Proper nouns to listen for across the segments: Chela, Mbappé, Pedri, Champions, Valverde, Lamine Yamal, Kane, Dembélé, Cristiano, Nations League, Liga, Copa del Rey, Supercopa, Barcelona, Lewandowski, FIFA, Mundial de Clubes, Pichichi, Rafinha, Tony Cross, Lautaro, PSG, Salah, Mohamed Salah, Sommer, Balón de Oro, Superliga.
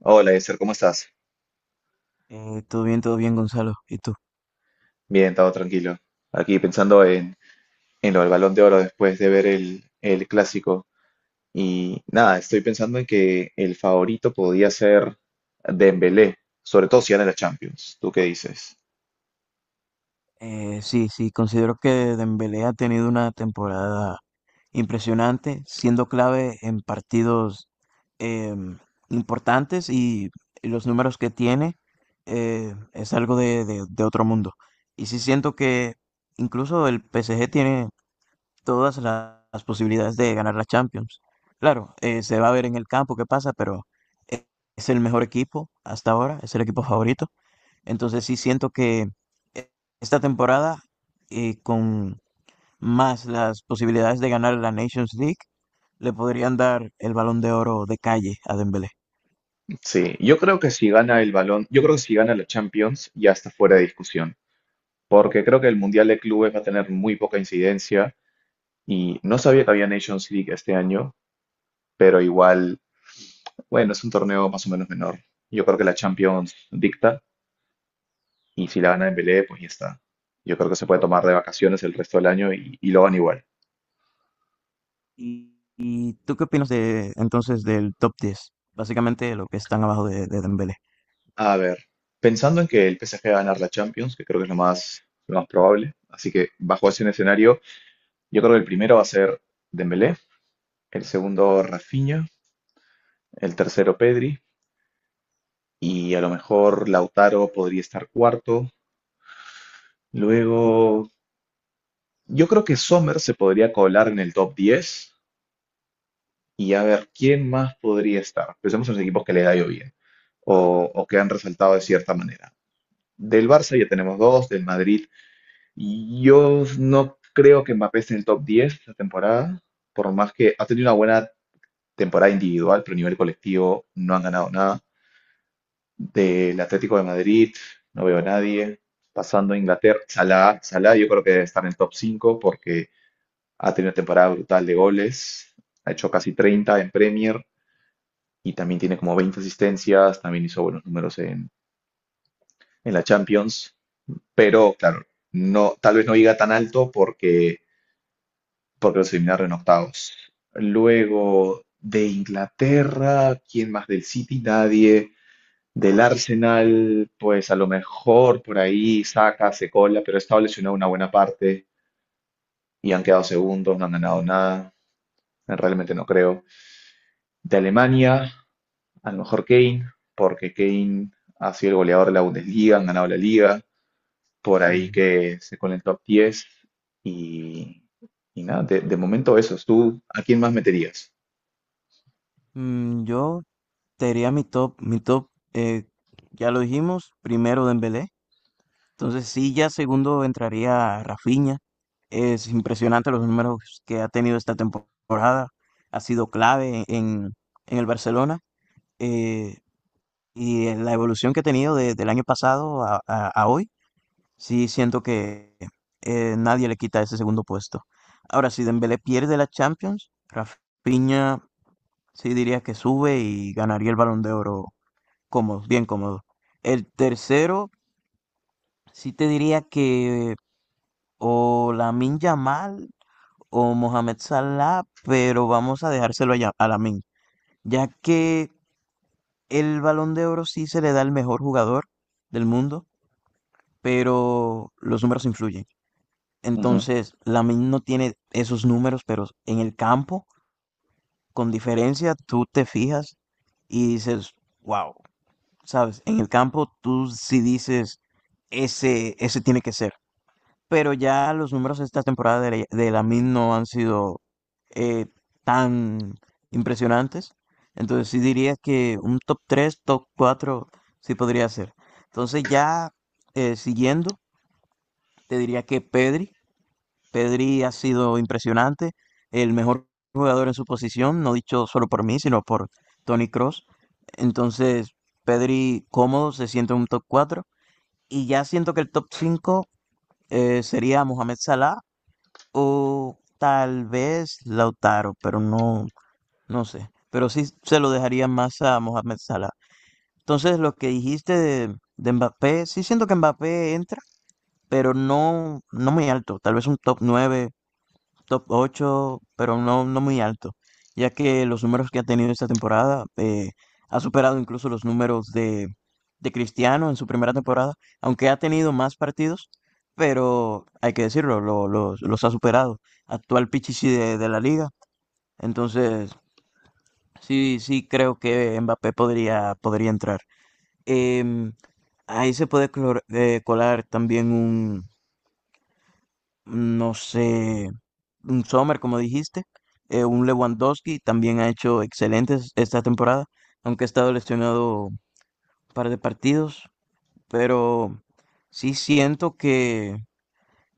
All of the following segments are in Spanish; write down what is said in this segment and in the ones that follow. Hola, Esther, ¿cómo estás? Todo bien, Gonzalo. ¿Y tú? Bien, todo tranquilo. Aquí pensando en lo del Balón de Oro después de ver el clásico. Y nada, estoy pensando en que el favorito podía ser Dembélé, sobre todo si gana la Champions. ¿Tú qué dices? Sí, sí, considero que Dembélé ha tenido una temporada impresionante, siendo clave en partidos em, importantes y los números que tiene es algo de otro mundo. Y sí siento que incluso el PSG tiene todas las posibilidades de ganar la Champions. Claro, se va a ver en el campo qué pasa, pero eh, es el mejor equipo hasta ahora, es el equipo favorito. Entonces sí siento que eh, esta temporada, con más las posibilidades de ganar la Nations League, le podrían dar el Balón de Oro de calle a Dembélé. Sí, yo creo que si gana la Champions ya está fuera de discusión, porque creo que el Mundial de Clubes va a tener muy poca incidencia y no sabía que había Nations League este año, pero igual, bueno, es un torneo más o menos menor. Yo creo que la Champions dicta. Y si la gana Dembélé, pues ya está. Yo creo que se puede tomar de vacaciones el resto del año y lo gana igual. Y tú qué opinas de entonces del top diez? Básicamente lo que están abajo de Dembélé. A ver, pensando en que el PSG va a ganar la Champions, que creo que es lo más probable, así que bajo ese escenario, yo creo que el primero va a ser Dembélé, el segundo Rafinha, el tercero Pedri y a lo mejor Lautaro podría estar cuarto. Luego, yo creo que Sommer se podría colar en el top 10. Y a ver, ¿quién más podría estar? Pensemos en los equipos que le ha ido bien o que han resaltado de cierta manera. Del Barça ya tenemos dos, del Madrid. Yo no creo que Mbappé esté en el top 10 esta temporada, por más que ha tenido una buena temporada individual, pero a nivel colectivo no han ganado nada. Del Atlético de Madrid no veo a nadie. Pasando a Inglaterra, Salah yo creo que debe estar en el top 5 porque ha tenido una temporada brutal de goles, ha hecho casi 30 en Premier y también tiene como 20 asistencias, también hizo buenos números en la Champions, pero claro, no, tal vez no llega tan alto porque los eliminaron en octavos. Luego de Inglaterra, ¿quién más del City? Nadie. Del Arsenal, pues a lo mejor por ahí saca, se cola, pero ha estado lesionado una buena parte y han quedado segundos, no han ganado nada. Realmente no creo. De Alemania, a lo mejor Kane, porque Kane ha sido el goleador de la Bundesliga, han ganado la liga, por ahí Sí. que se con el top 10. Y, y nada, de momento esos. ¿Tú a quién más meterías? Mm, yo te diría mi top, eh, ya lo dijimos, primero Dembélé. Entonces sí, ya segundo entraría Rafinha. Es impresionante los números que ha tenido esta temporada. Ha sido clave en el Barcelona. eh, y en la evolución que ha tenido del año pasado a, a hoy, sí siento que nadie le quita ese segundo puesto. Ahora, si Dembélé pierde la Champions, Rafinha sí diría que sube y ganaría el Balón de Oro cómodo, bien cómodo. El tercero, sí te diría que o Lamine Yamal o Mohamed Salah, pero vamos a dejárselo a, a Lamine, ya que el Balón de Oro sí se le da al mejor jugador del mundo, pero los números influyen. Ujú. Entonces, Lamine no tiene esos números, pero en el campo, con diferencia, tú te fijas y dices, wow, ¿sabes? En el campo tú sí dices, ese tiene que ser. Pero ya los números de esta temporada de Lamine no han sido eh, tan impresionantes. Entonces sí diría que un top tres, top 4 sí podría ser. Entonces ya siguiendo, te diría que Pedri. Pedri ha sido impresionante, el mejor jugador en su posición, no dicho solo por mí, sino por Tony Cross. Entonces Pedri cómodo se siente en un top cuatro. Y ya siento que el top cinco sería Mohamed Salah o tal vez Lautaro, pero no, no sé. Pero sí se lo dejaría más a Mohamed Salah. Entonces, lo que dijiste de Mbappé, sí siento que Mbappé entra, pero no, no muy alto. Tal vez un top nueve, top ocho, pero no, no muy alto, ya que los números que ha tenido esta temporada ha superado incluso los números de Cristiano en su primera temporada, aunque ha tenido más partidos, pero hay que decirlo, los ha superado. Actual Pichichi de la liga, entonces sí, sí creo que Mbappé podría, podría entrar. Em, Ahí se puede colar también, no sé, un Sommer, como dijiste, un Lewandowski también ha hecho excelentes esta temporada, aunque ha estado lesionado un par de partidos, pero sí siento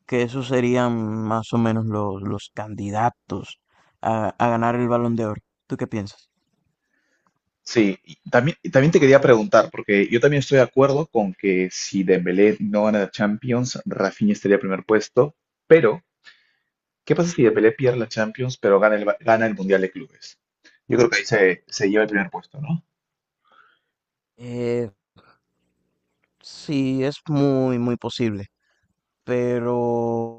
que esos serían más o menos los candidatos a ganar el Balón de Oro. ¿Tú qué piensas? Sí, y también te quería preguntar, porque yo también estoy de acuerdo con que si Dembélé no gana la Champions, Rafinha estaría en primer puesto, pero ¿qué pasa si Dembélé pierde la Champions pero gana el Mundial de Clubes? Yo creo que ahí se lleva el primer puesto, ¿no? Eh, sí, es muy, muy posible, pero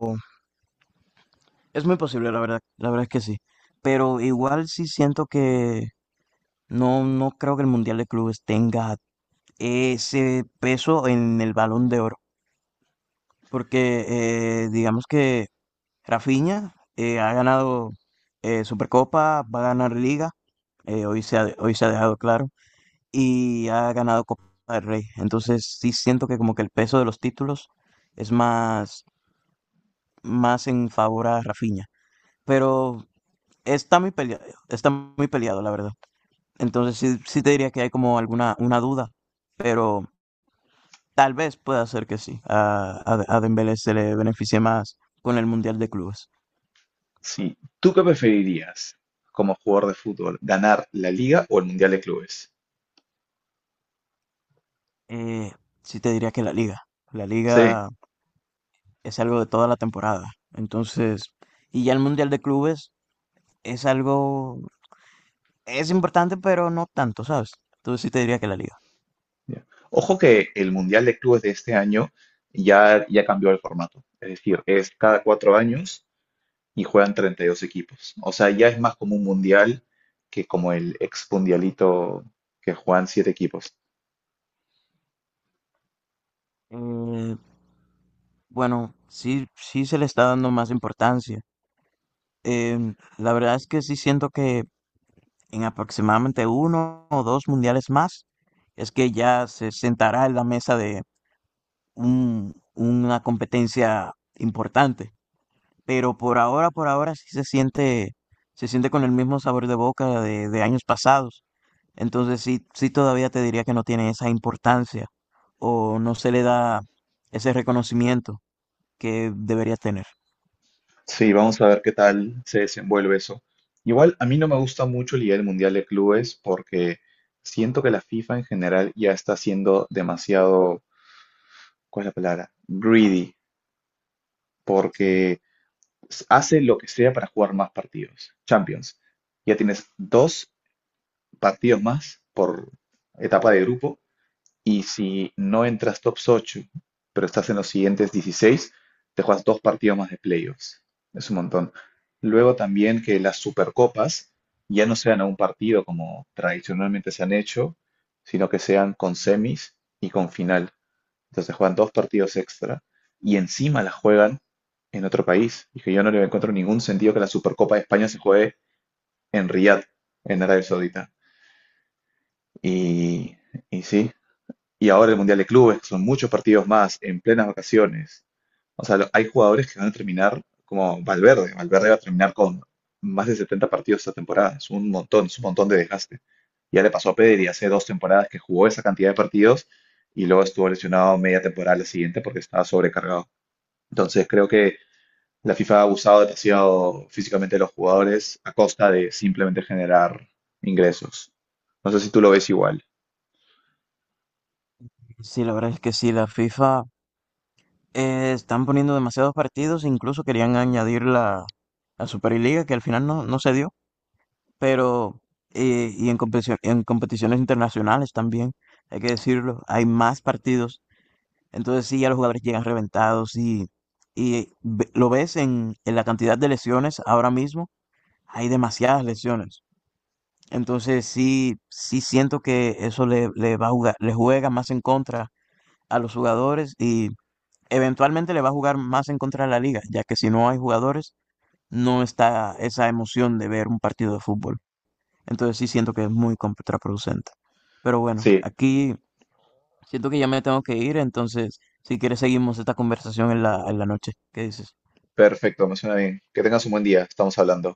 es muy posible, la verdad es que sí. Pero igual sí siento que, no, no creo que el Mundial de Clubes tenga ese peso en el Balón de Oro, porque digamos que Rafinha ha ganado Supercopa, va a ganar Liga, hoy se ha dejado claro, y ha ganado Copa del Rey. Entonces sí siento que como que el peso de los títulos es más, más en favor a Rafinha, pero está muy peleado, está muy peleado, la verdad. Entonces sí, sí te diría que hay como alguna una duda, pero... Tal vez pueda ser que sí. A Dembélé se le beneficie más con el Mundial de Clubes. Sí. ¿Tú qué preferirías como jugador de fútbol? ¿Ganar la Liga o el Mundial de Clubes? Eh, sí te diría que la Liga. La Sí. Liga es algo de toda la temporada. Entonces, y ya el Mundial de Clubes es algo, es importante, pero no tanto, ¿sabes? Entonces sí te diría que la Liga. Ya. Ojo que el Mundial de Clubes de este año ya cambió el formato. Es decir, es cada 4 años y juegan 32 equipos. O sea, ya es más como un Mundial que como el ex Mundialito que juegan siete equipos. Eh, bueno, sí, sí se le está dando más importancia. La verdad es que sí siento que en aproximadamente uno o dos mundiales más, es que ya se sentará en la mesa de una competencia importante. Pero por ahora sí se siente con el mismo sabor de boca de años pasados. Entonces sí, sí todavía te diría que no tiene esa importancia o no se le da ese reconocimiento que deberías tener. Sí, vamos a ver qué tal se desenvuelve eso. Igual a mí no me gusta mucho la idea del Mundial de Clubes porque siento que la FIFA en general ya está siendo demasiado, ¿cuál es la palabra? Greedy, Sí. porque hace lo que sea para jugar más partidos. Champions. Ya tienes dos partidos más por etapa de grupo. Y si no entras top 8, pero estás en los siguientes 16, te juegas dos partidos más de playoffs. Es un montón. Luego también que las supercopas ya no sean a un partido como tradicionalmente se han hecho, sino que sean con semis y con final. Entonces juegan dos partidos extra y encima las juegan en otro país. Y que yo no le encuentro ningún sentido que la Supercopa de España se juegue en Riyadh, en Arabia Saudita. Y, y sí, y ahora el Mundial de Clubes, que son muchos partidos más en plenas vacaciones. O sea, hay jugadores que van a terminar como Valverde. Valverde va a terminar con más de 70 partidos esta temporada. Es un montón de desgaste. Ya le pasó a Pedri hace 2 temporadas que jugó esa cantidad de partidos y luego estuvo lesionado media temporada la siguiente porque estaba sobrecargado. Entonces creo que la FIFA ha abusado demasiado físicamente de los jugadores a costa de simplemente generar ingresos. No sé si tú lo ves igual. Sí, la verdad es que sí, la FIFA están poniendo demasiados partidos, incluso querían añadir la Superliga, que al final no, no se dio, pero y en competición, en competiciones internacionales también, hay que decirlo, hay más partidos. Entonces sí, ya los jugadores llegan reventados y lo ves en la cantidad de lesiones ahora mismo, hay demasiadas lesiones. Entonces sí, sí siento que eso le va a jugar, le juega más en contra a los jugadores y eventualmente le va a jugar más en contra a la liga, ya que si no hay jugadores, no está esa emoción de ver un partido de fútbol. Entonces sí siento que es muy contraproducente. Pero bueno, Sí, aquí siento que ya me tengo que ir, entonces si quieres seguimos esta conversación en la noche. ¿Qué dices? perfecto, me suena bien. Que tengas un buen día, estamos hablando.